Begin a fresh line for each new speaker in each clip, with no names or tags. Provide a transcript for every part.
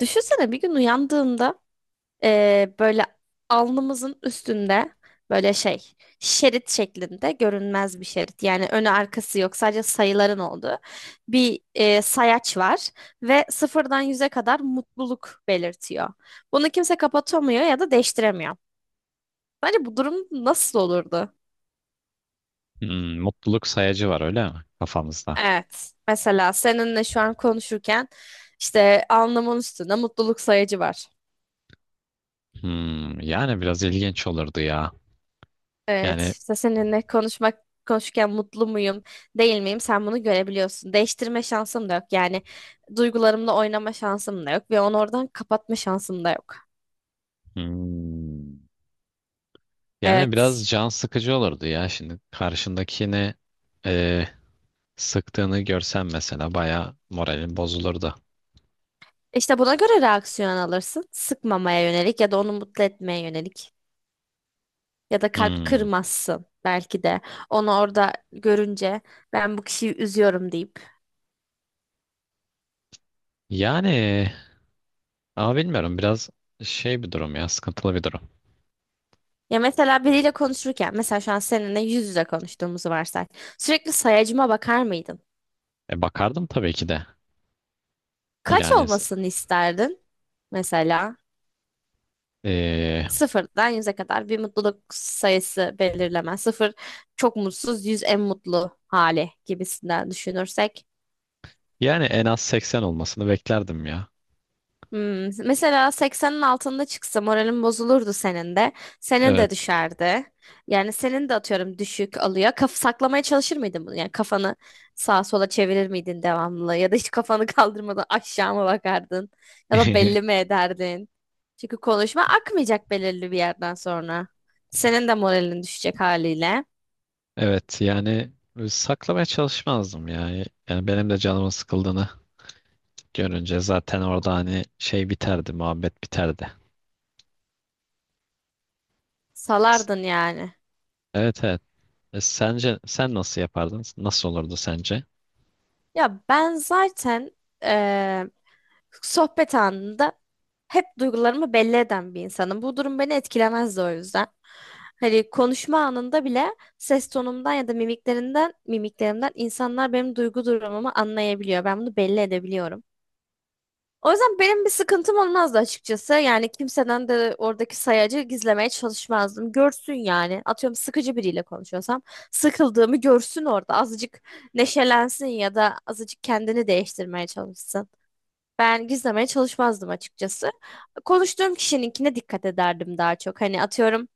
Düşünsene bir gün uyandığında böyle alnımızın üstünde böyle şey şerit şeklinde görünmez bir şerit. Yani önü arkası yok, sadece sayıların olduğu bir sayaç var ve sıfırdan yüze kadar mutluluk belirtiyor. Bunu kimse kapatamıyor ya da değiştiremiyor. Bence bu durum nasıl olurdu?
Hmm, mutluluk sayacı var öyle mi kafamızda?
Evet. Mesela seninle şu an konuşurken işte alnımın üstünde mutluluk sayacı var.
Hmm, yani biraz ilginç olurdu ya.
Evet,
Yani
işte seninle konuşurken mutlu muyum, değil miyim? Sen bunu görebiliyorsun. Değiştirme şansım da yok. Yani duygularımla oynama şansım da yok ve onu oradan kapatma şansım da yok.
hmm,
Evet.
biraz can sıkıcı olurdu ya. Şimdi karşındakini e, sıktığını görsen mesela baya moralin bozulurdu.
İşte buna göre reaksiyon alırsın. Sıkmamaya yönelik ya da onu mutlu etmeye yönelik. Ya da kalp
Hmm,
kırmazsın belki de. Onu orada görünce ben bu kişiyi üzüyorum deyip.
yani ama bilmiyorum biraz şey bir durum ya sıkıntılı bir durum.
Ya mesela biriyle konuşurken, mesela şu an seninle yüz yüze konuştuğumuzu varsay. Sürekli sayacıma bakar mıydın?
E, bakardım tabii ki de.
Kaç
Yani
olmasını isterdin? Mesela
e,
sıfırdan yüze kadar bir mutluluk sayısı belirleme. Sıfır çok mutsuz, yüz en mutlu hali gibisinden düşünürsek.
en az 80 olmasını beklerdim ya.
Hmm, mesela 80'in altında çıksa moralin bozulurdu senin de. Senin
Evet.
de düşerdi. Yani senin de atıyorum düşük alıyor. Saklamaya çalışır mıydın bunu? Yani kafanı sağa sola çevirir miydin devamlı? Ya da hiç kafanı kaldırmadan aşağı mı bakardın? Ya da belli mi ederdin? Çünkü konuşma akmayacak belirli bir yerden sonra. Senin de moralin düşecek haliyle.
Evet yani saklamaya çalışmazdım ya. Yani benim de canımın sıkıldığını görünce zaten orada hani şey biterdi, muhabbet biterdi.
Salardın yani.
Evet, evet. E, sence sen nasıl yapardın? Nasıl olurdu sence?
Ya ben zaten eee, sohbet anında hep duygularımı belli eden bir insanım. Bu durum beni etkilemezdi o yüzden. Hani konuşma anında bile ses tonumdan ya da mimiklerimden insanlar benim duygu durumumu anlayabiliyor. Ben bunu belli edebiliyorum. O yüzden benim bir sıkıntım olmazdı açıkçası. Yani kimseden de oradaki sayacı gizlemeye çalışmazdım. Görsün yani. Atıyorum sıkıcı biriyle konuşuyorsam sıkıldığımı görsün orada. Azıcık neşelensin ya da azıcık kendini değiştirmeye çalışsın. Ben gizlemeye çalışmazdım açıkçası. Konuştuğum kişininkine dikkat ederdim daha çok. Hani atıyorum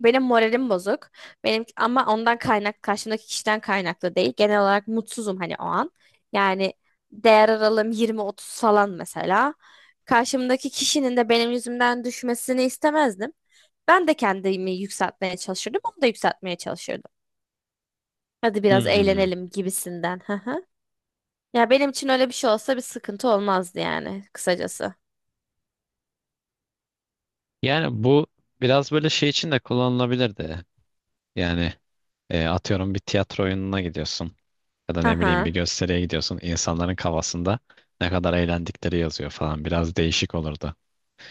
benim moralim bozuk. Benim ama ondan kaynak karşımdaki kişiden kaynaklı değil. Genel olarak mutsuzum hani o an. Yani değer aralığım 20-30 falan mesela. Karşımdaki kişinin de benim yüzümden düşmesini istemezdim. Ben de kendimi yükseltmeye çalışırdım, onu da yükseltmeye çalışırdım. Hadi biraz
Hmm.
eğlenelim gibisinden. Hı hı. Ya benim için öyle bir şey olsa bir sıkıntı olmazdı yani kısacası.
Yani bu biraz böyle şey için de kullanılabilirdi. Yani atıyorum bir tiyatro oyununa gidiyorsun ya da
Hı
ne bileyim bir
hı.
gösteriye gidiyorsun. İnsanların kafasında ne kadar eğlendikleri yazıyor falan. Biraz değişik olurdu.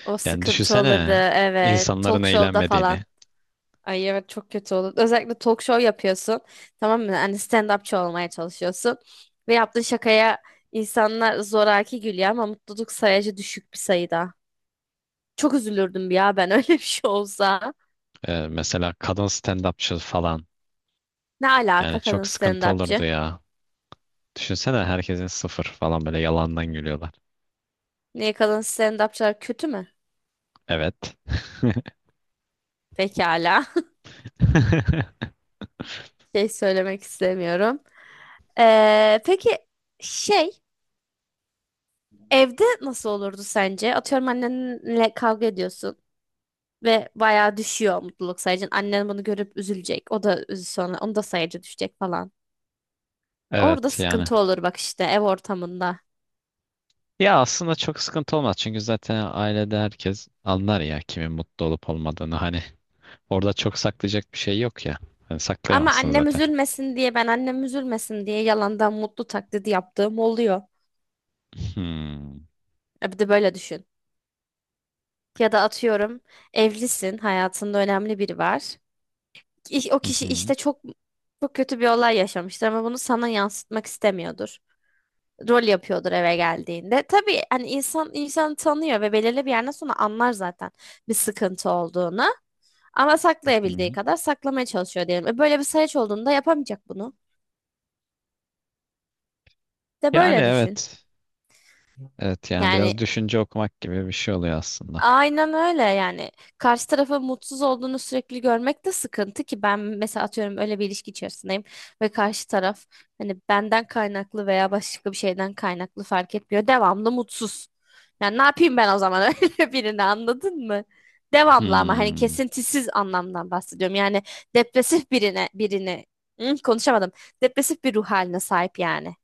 O
Yani
sıkıntı olurdu,
düşünsene
evet.
insanların
Talk show'da
eğlenmediğini.
falan. Ay evet, çok kötü olur. Özellikle talk show yapıyorsun. Tamam mı? Hani stand-upçı olmaya çalışıyorsun. Ve yaptığın şakaya insanlar zoraki gülüyor ama mutluluk sayacı düşük bir sayıda. Çok üzülürdüm ya ben öyle bir şey olsa.
Mesela kadın stand-upçı falan.
Ne alaka
Yani
kadın
çok sıkıntı olurdu
stand-upçı?
ya. Düşünsene herkesin sıfır falan böyle yalandan gülüyorlar.
Niye, kadın stand-upçılar kötü mü?
Evet.
Pekala. Şey söylemek istemiyorum. Peki şey evde nasıl olurdu sence? Atıyorum annenle kavga ediyorsun. Ve bayağı düşüyor mutluluk sayacın. Annen bunu görüp üzülecek. O da sonra onu da sayacı düşecek falan. Orada
Evet yani.
sıkıntı olur bak işte ev ortamında.
Ya aslında çok sıkıntı olmaz çünkü zaten ailede herkes anlar ya kimin mutlu olup olmadığını. Hani orada çok saklayacak bir şey yok ya. Hani
Ama
saklayamazsın
annem
zaten.
üzülmesin diye, ben annem üzülmesin diye yalandan mutlu taklidi yaptığım oluyor.
Hmm.
E bir de böyle düşün. Ya da atıyorum evlisin, hayatında önemli biri var. O
Hı
kişi
hı.
işte çok kötü bir olay yaşamıştır ama bunu sana yansıtmak istemiyordur. Rol yapıyordur eve geldiğinde. Tabii hani insan insanı tanıyor ve belirli bir yerden sonra anlar zaten bir sıkıntı olduğunu. Ama
Hı.
saklayabildiği kadar saklamaya çalışıyor diyelim. E böyle bir sayaç olduğunda yapamayacak bunu. De
Yani
böyle düşün.
evet. Evet yani biraz
Yani
düşünce okumak gibi bir şey oluyor aslında.
aynen öyle yani. Karşı tarafın mutsuz olduğunu sürekli görmek de sıkıntı. Ki ben mesela atıyorum öyle bir ilişki içerisindeyim ve karşı taraf hani benden kaynaklı veya başka bir şeyden kaynaklı fark etmiyor, devamlı mutsuz. Yani ne yapayım ben o zaman öyle birini, anladın mı? Devamlı, ama hani
Hmm.
kesintisiz anlamdan bahsediyorum. Yani depresif birini. Hı, konuşamadım. Depresif bir ruh haline sahip yani.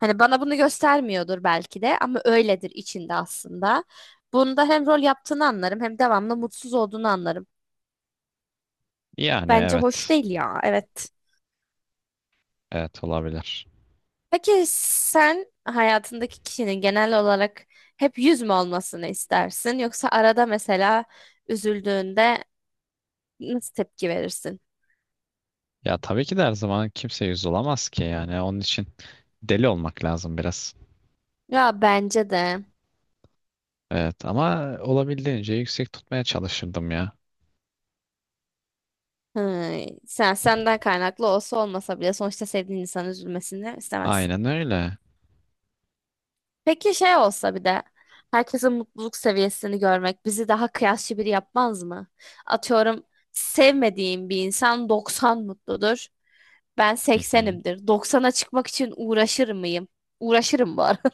Hani bana bunu göstermiyordur belki de ama öyledir içinde aslında. Bunda hem rol yaptığını anlarım, hem devamlı mutsuz olduğunu anlarım.
Yani
Bence hoş
evet.
değil ya, evet.
Evet, olabilir.
Peki sen hayatındaki kişinin genel olarak hep yüz mü olmasını istersin, yoksa arada mesela üzüldüğünde nasıl tepki verirsin?
Ya tabii ki de her zaman kimse yüz olamaz ki, yani onun için deli olmak lazım biraz.
Ya bence de
Evet, ama olabildiğince yüksek tutmaya çalışırdım ya.
hı, sen senden kaynaklı olsa olmasa bile sonuçta sevdiğin insanın üzülmesini istemezsin.
Aynen öyle.
Peki şey olsa bir de, herkesin mutluluk seviyesini görmek bizi daha kıyasçı biri yapmaz mı? Atıyorum sevmediğim bir insan 90 mutludur. Ben
Hı hı.
80'imdir. 90'a çıkmak için uğraşır mıyım? Uğraşırım bu arada.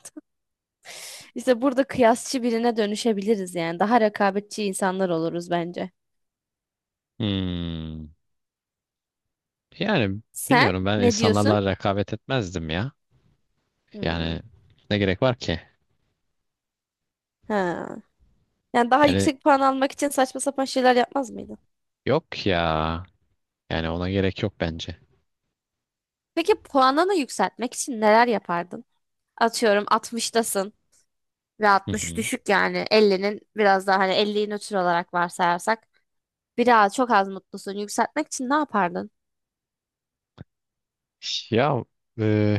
İşte burada kıyasçı birine dönüşebiliriz yani. Daha rekabetçi insanlar oluruz bence.
Hmm. Yani
Sen
bilmiyorum, ben
ne diyorsun?
insanlarla rekabet etmezdim ya.
Hmm.
Yani ne gerek var ki?
Ha. Yani daha
Yani
yüksek puan almak için saçma sapan şeyler yapmaz mıydın?
yok ya. Yani ona gerek yok bence.
Peki puanını yükseltmek için neler yapardın? Atıyorum 60'tasın. Ve
Hı
60
hı.
düşük yani, 50'nin biraz daha, hani 50'yi nötr olarak varsayarsak biraz çok az mutlusun, yükseltmek için ne yapardın?
Ya e,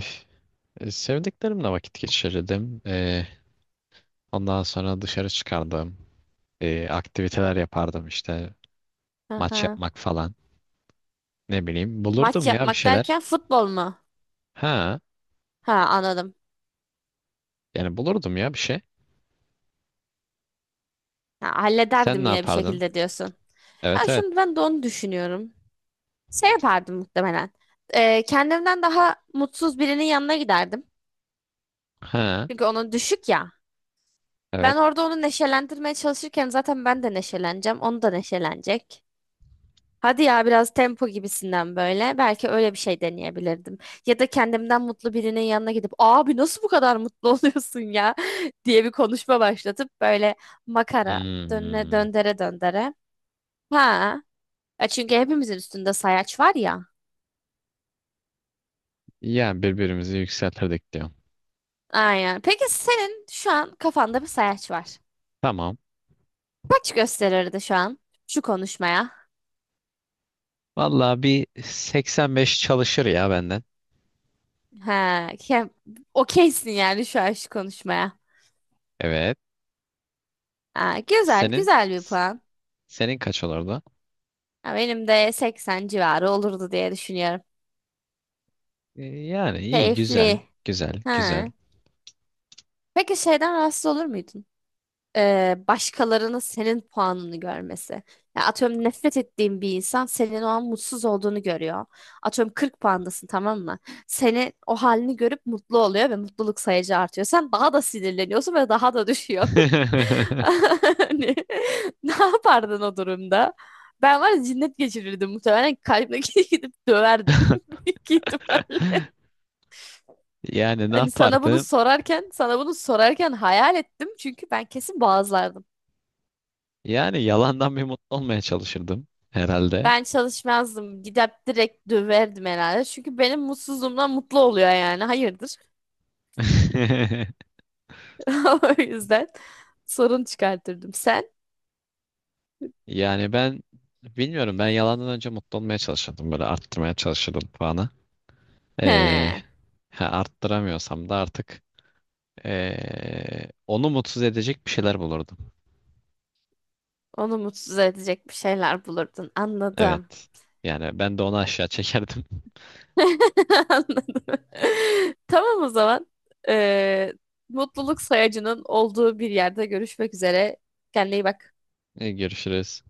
sevdiklerimle vakit geçirirdim. Ondan sonra dışarı çıkardım. Aktiviteler yapardım işte, maç
Aha.
yapmak falan. Ne bileyim,
Maç
bulurdum ya bir
yapmak
şeyler.
derken futbol mu?
Ha,
Ha, anladım.
yani bulurdum ya bir şey.
Ha,
Sen
hallederdim
ne
yine bir
yapardın?
şekilde diyorsun. Ya
Evet, evet.
şimdi ben de onu düşünüyorum. Şey yapardım muhtemelen. Kendimden daha mutsuz birinin yanına giderdim.
Ha,
Çünkü onun düşük ya. Ben
evet.
orada onu neşelendirmeye çalışırken zaten ben de neşeleneceğim. Onu da neşelenecek. Hadi ya biraz tempo gibisinden böyle. Belki öyle bir şey deneyebilirdim. Ya da kendimden mutlu birinin yanına gidip abi nasıl bu kadar mutlu oluyorsun ya diye bir konuşma başlatıp, böyle makara
Hmm.
döndere döndere. Ha. Ya çünkü hepimizin üstünde sayaç var ya.
Yani birbirimizi yükseltirdik diyorum.
Aynen. Peki senin şu an kafanda bir sayaç var.
Tamam.
Kaç gösterirdi şu an şu konuşmaya?
Vallahi bir 85 çalışır ya benden.
Ha, ke- okeysin yani şu an şu konuşmaya.
Evet.
Ha, güzel,
Senin
güzel bir
s-
puan.
senin kaç olurdu?
Ya benim de 80 civarı olurdu diye düşünüyorum.
Yani iyi güzel,
Keyifli.
güzel güzel.
Ha. Peki şeyden rahatsız olur muydun? Başkalarının senin puanını görmesi. Ya atıyorum nefret ettiğin bir insan senin o an mutsuz olduğunu görüyor. Atıyorum 40 puandasın, tamam mı? Senin o halini görüp mutlu oluyor ve mutluluk sayıcı artıyor. Sen daha da sinirleniyorsun ve daha da düşüyor. Hani, ne yapardın o durumda? Ben var ya cinnet geçirirdim muhtemelen, kalbime gidip döverdim. Büyük ihtimal.
Yani ne
Hani
yapardım?
sana bunu sorarken hayal ettim. Çünkü ben kesin boğazlardım.
Yani yalandan bir mutlu olmaya çalışırdım herhalde.
Ben çalışmazdım. Gidip direkt döverdim herhalde. Çünkü benim mutsuzluğumdan mutlu oluyor yani. Hayırdır? O yüzden sorun çıkartırdım. Sen?
Yani ben bilmiyorum, ben yalandan önce mutlu olmaya çalışırdım, böyle arttırmaya çalışırdım puanı. Ee,
He.
ha, Arttıramıyorsam da artık onu mutsuz edecek bir şeyler bulurdum.
Onu mutsuz edecek bir şeyler bulurdun. Anladım.
Evet. Yani ben de onu aşağı çekerdim.
Anladım. Tamam o zaman. Ee, Mutluluk sayacının olduğu bir yerde görüşmek üzere. Kendine iyi bak.
Görüşürüz.